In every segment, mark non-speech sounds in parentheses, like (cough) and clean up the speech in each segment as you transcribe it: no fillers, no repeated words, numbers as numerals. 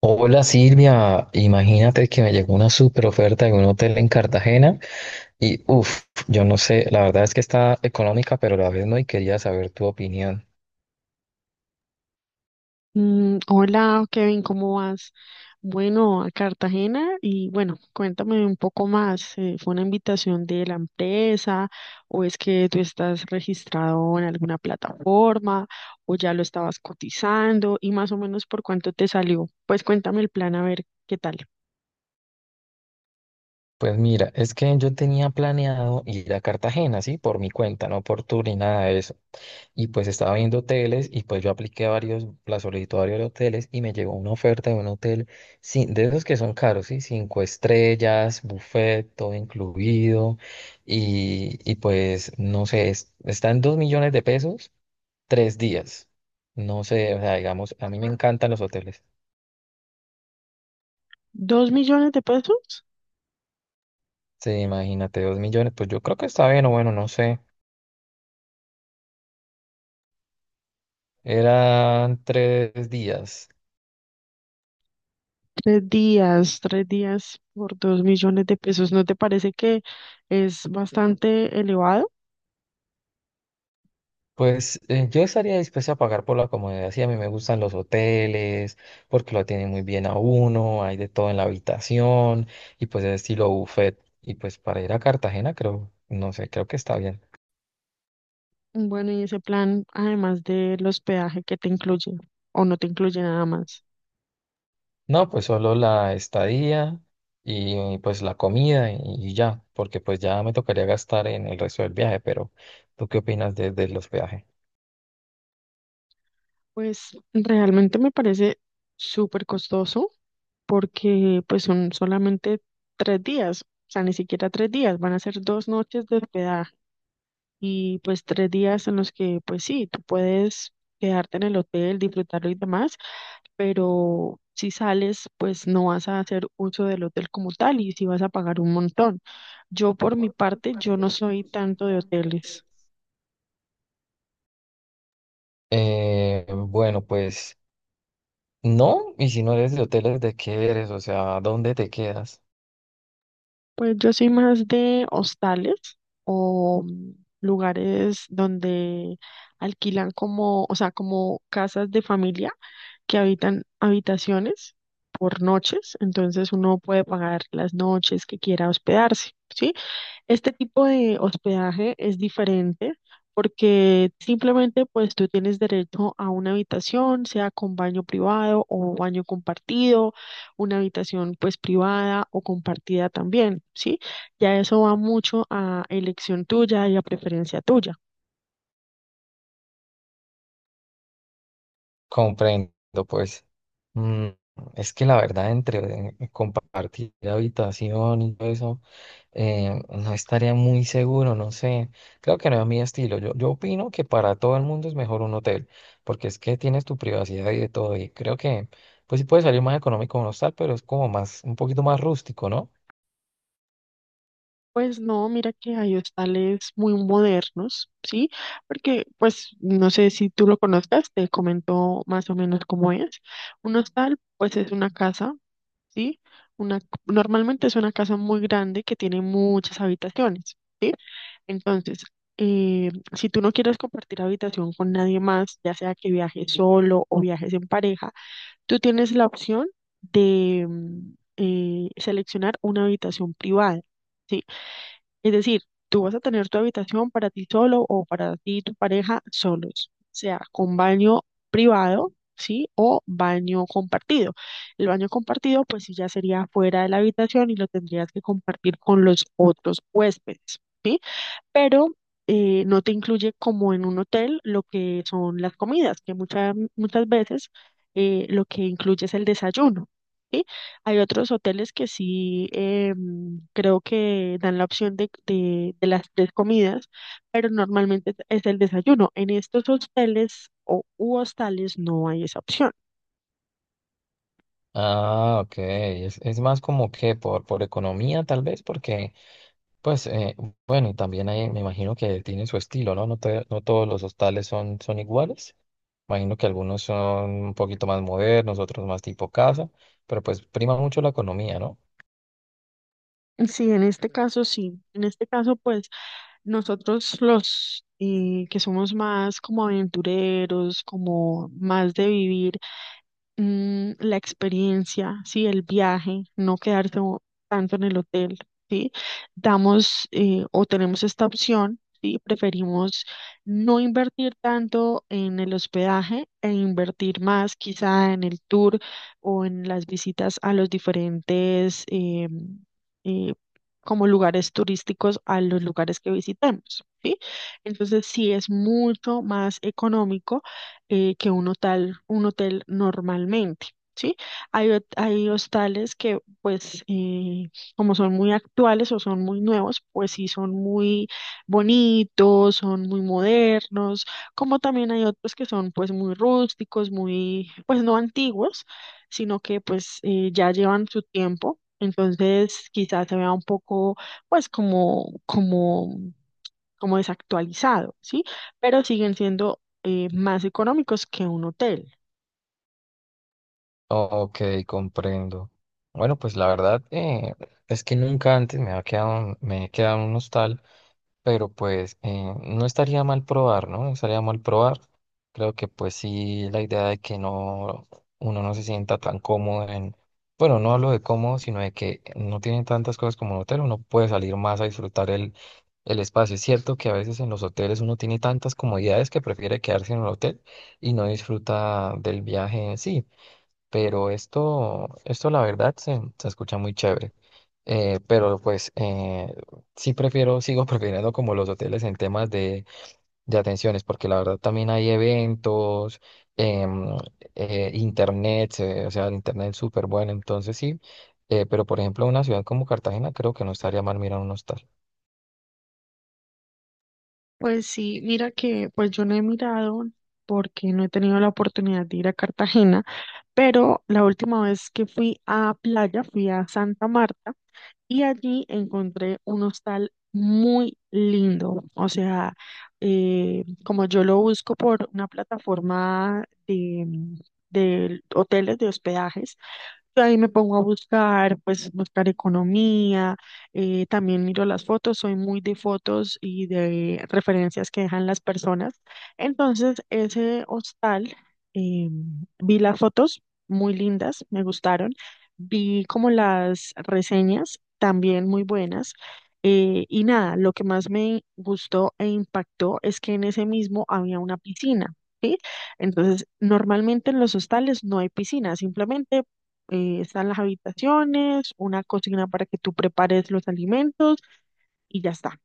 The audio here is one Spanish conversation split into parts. Hola Silvia, imagínate que me llegó una super oferta de un hotel en Cartagena y uff, yo no sé, la verdad es que está económica, pero a la vez no y quería saber tu opinión. Hola Kevin, ¿cómo vas? Bueno, a Cartagena y bueno, cuéntame un poco más. ¿Fue una invitación de la empresa o es que tú estás registrado en alguna plataforma o ya lo estabas cotizando y más o menos por cuánto te salió? Pues cuéntame el plan a ver qué tal. Pues mira, es que yo tenía planeado ir a Cartagena, ¿sí? Por mi cuenta, no por tu ni nada de eso. Y pues estaba viendo hoteles y pues yo apliqué a varios, la solicitud a varios hoteles y me llegó una oferta de un hotel sin, de esos que son caros, ¿sí? 5 estrellas, buffet, todo incluido. Y pues no sé, está en 2 millones de pesos, 3 días. No sé, o sea, digamos, a mí me encantan los hoteles. ¿Dos millones de pesos? Sí, imagínate, 2 millones, pues yo creo que está bien o bueno, no sé. Eran 3 días. Tres días por 2.000.000 de pesos. ¿No te parece que es bastante elevado? Pues yo estaría dispuesto a pagar por la comodidad. Sí, a mí me gustan los hoteles, porque lo atienden muy bien a uno, hay de todo en la habitación, y pues es estilo buffet. Y pues para ir a Cartagena, creo, no sé, creo que está bien. Bueno, ¿y ese plan, además del hospedaje, que te incluye? ¿O no te incluye nada más? No, pues solo la estadía y pues la comida y ya, porque pues ya me tocaría gastar en el resto del viaje, pero ¿tú qué opinas de, del hospedaje? Pues realmente me parece súper costoso porque pues son solamente tres días, o sea, ni siquiera tres días, van a ser dos noches de hospedaje. Y pues tres días en los que pues sí, tú puedes quedarte en el hotel, disfrutarlo y demás, pero si sales pues no vas a hacer uso del hotel como tal y si vas a pagar un montón. Yo por mi parte, yo no soy tanto de hoteles. Bueno, pues no, y si no eres de hoteles, ¿de qué eres? O sea, ¿dónde te quedas? Pues yo soy más de hostales o lugares donde alquilan como, o sea, como casas de familia que habitan habitaciones por noches. Entonces uno puede pagar las noches que quiera hospedarse, ¿sí? Este tipo de hospedaje es diferente porque simplemente pues tú tienes derecho a una habitación, sea con baño privado o baño compartido, una habitación pues privada o compartida también, ¿sí? Ya eso va mucho a elección tuya y a preferencia tuya. Comprendo, pues. Mm, es que la verdad, entre compartir habitación y todo eso, no estaría muy seguro, no sé. Creo que no es mi estilo. Yo opino que para todo el mundo es mejor un hotel, porque es que tienes tu privacidad y de todo. Y creo que, pues sí puede salir más económico un hostal, pero es como más, un poquito más rústico, ¿no? Pues no, mira que hay hostales muy modernos, ¿sí? Porque pues no sé si tú lo conozcas, te comento más o menos cómo es. Un hostal pues es una casa, ¿sí? Una, normalmente es una casa muy grande que tiene muchas habitaciones, ¿sí? Entonces, si tú no quieres compartir habitación con nadie más, ya sea que viajes solo o viajes en pareja, tú tienes la opción de seleccionar una habitación privada. ¿Sí? Es decir, tú vas a tener tu habitación para ti solo o para ti y tu pareja solos, o sea, con baño privado, ¿sí? O baño compartido. El baño compartido, pues sí, ya sería fuera de la habitación y lo tendrías que compartir con los otros huéspedes, ¿sí? Pero no te incluye como en un hotel lo que son las comidas, que muchas muchas veces lo que incluye es el desayuno. ¿Sí? Hay otros hoteles que sí, creo que dan la opción de las tres comidas, pero normalmente es el desayuno. En estos hoteles o u hostales no hay esa opción. Ah, ok. Es más como que por economía, tal vez, porque pues bueno, y también hay, me imagino que tienen su estilo, ¿no? No, no todos los hostales son, son iguales. Imagino que algunos son un poquito más modernos, otros más tipo casa, pero pues prima mucho la economía, ¿no? Sí, en este caso sí. En este caso, pues nosotros los que somos más como aventureros, como más de vivir la experiencia, ¿sí? El viaje, no quedarse tanto en el hotel, ¿sí? Damos o tenemos esta opción, ¿sí? Preferimos no invertir tanto en el hospedaje e invertir más quizá en el tour o en las visitas a los diferentes, eh, como lugares turísticos a los lugares que visitemos, ¿sí? Entonces sí es mucho más económico, que un hotel normalmente. ¿Sí? Hay, hay hostales que, pues, como son muy actuales o son muy nuevos, pues sí son muy bonitos, son muy modernos, como también hay otros que son, pues, muy rústicos, muy, pues, no antiguos, sino que, pues, ya llevan su tiempo. Entonces, quizás se vea un poco, pues, como, como desactualizado, ¿sí? Pero siguen siendo, más económicos que un hotel. Ok, comprendo. Bueno, pues la verdad es que nunca antes me ha quedado, me he quedado en un hostal. Pero pues no estaría mal probar, ¿no? No estaría mal probar. Creo que pues sí, la idea de que no, uno no se sienta tan cómodo en, bueno, no hablo de cómodo, sino de que no tienen tantas cosas como un hotel, uno puede salir más a disfrutar el espacio. Es cierto que a veces en los hoteles uno tiene tantas comodidades que prefiere quedarse en el hotel y no disfruta del viaje en sí. Pero esto la verdad se escucha muy chévere. Pero pues (laughs) sigo prefiriendo como los hoteles en temas de atenciones, porque la verdad también hay eventos, em, internet, o sea, el internet es súper bueno, entonces sí. Pero por ejemplo, una ciudad como Cartagena creo que no estaría mal mirar un hostal. Pues sí, mira que pues yo no he mirado porque no he tenido la oportunidad de ir a Cartagena, pero la última vez que fui a playa fui a Santa Marta y allí encontré un hostal muy lindo. O sea, como yo lo busco por una plataforma de hoteles de hospedajes, yo ahí me pongo a buscar, pues buscar economía, también miro las fotos, soy muy de fotos y de referencias que dejan las personas. Entonces, ese hostal, eh, vi las fotos muy lindas, me gustaron, vi como las reseñas también muy buenas. Y nada, lo que más me gustó e impactó es que en ese mismo había una piscina. ¿Sí? Entonces, normalmente en los hostales no hay piscina, simplemente están las habitaciones, una cocina para que tú prepares los alimentos y ya está.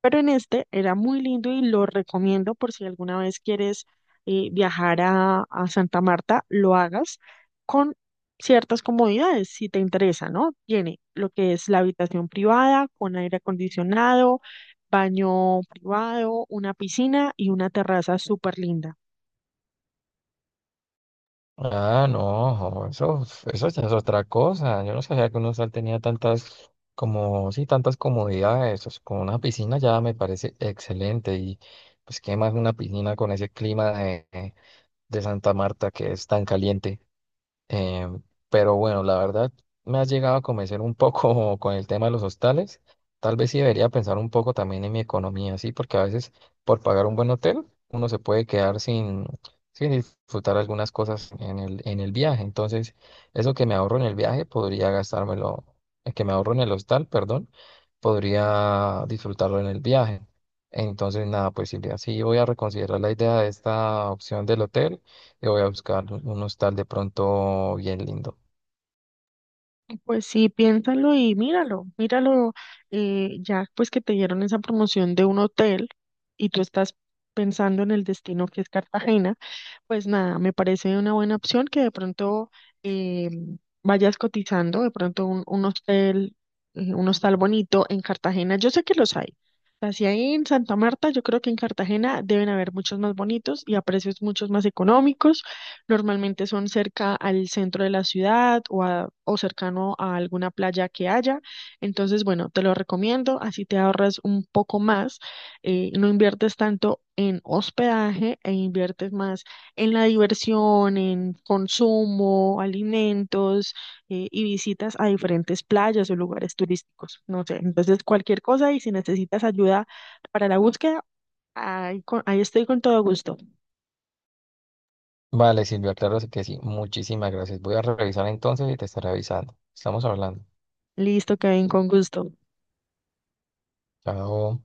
Pero en este era muy lindo y lo recomiendo por si alguna vez quieres viajar a Santa Marta, lo hagas con ciertas comodidades si te interesa, ¿no? Tiene lo que es la habitación privada con aire acondicionado, baño privado, una piscina y una terraza súper linda. Ah, no, jo, eso ya es otra cosa. Yo no sabía que un hostal tenía tantas, como, sí, tantas comodidades. Pues, con una piscina ya me parece excelente. Y pues, ¿qué más una piscina con ese clima de Santa Marta que es tan caliente? Eh, pero bueno, la verdad me has llegado a convencer un poco (laughs) con el tema de los hostales. Tal vez sí debería pensar un poco también en mi economía, sí, porque a veces por pagar un buen hotel uno se puede quedar sin, sin disfrutar algunas cosas en el viaje. Entonces, eso que me ahorro en el viaje podría gastármelo, que me ahorro en el hostal, perdón, podría disfrutarlo en el viaje. Entonces, nada, pues Silvia, sí voy a reconsiderar la idea de esta opción del hotel. Yo voy a buscar un hostal de pronto bien lindo. Pues sí, piénsalo y míralo, míralo, ya pues que te dieron esa promoción de un hotel y tú estás pensando en el destino que es Cartagena. Pues nada, me parece una buena opción que de pronto eh, vayas cotizando, de pronto un hostel, un hostal bonito en Cartagena. Yo sé que los hay. Así ahí en Santa Marta, yo creo que en Cartagena deben haber muchos más bonitos y a precios muchos más económicos. Normalmente son cerca al centro de la ciudad o cercano a alguna playa que haya. Entonces, bueno, te lo recomiendo, así te ahorras un poco más. No inviertes tanto en hospedaje e inviertes más en la diversión, en consumo, alimentos, y visitas a diferentes playas o lugares turísticos. No sé, entonces cualquier cosa y si necesitas ayuda para la búsqueda, ahí, ahí estoy con todo gusto. Vale, Silvia, claro que sí. Muchísimas gracias. Voy a revisar entonces y te estaré avisando. Estamos hablando. Listo, Kevin, con gusto. Chao.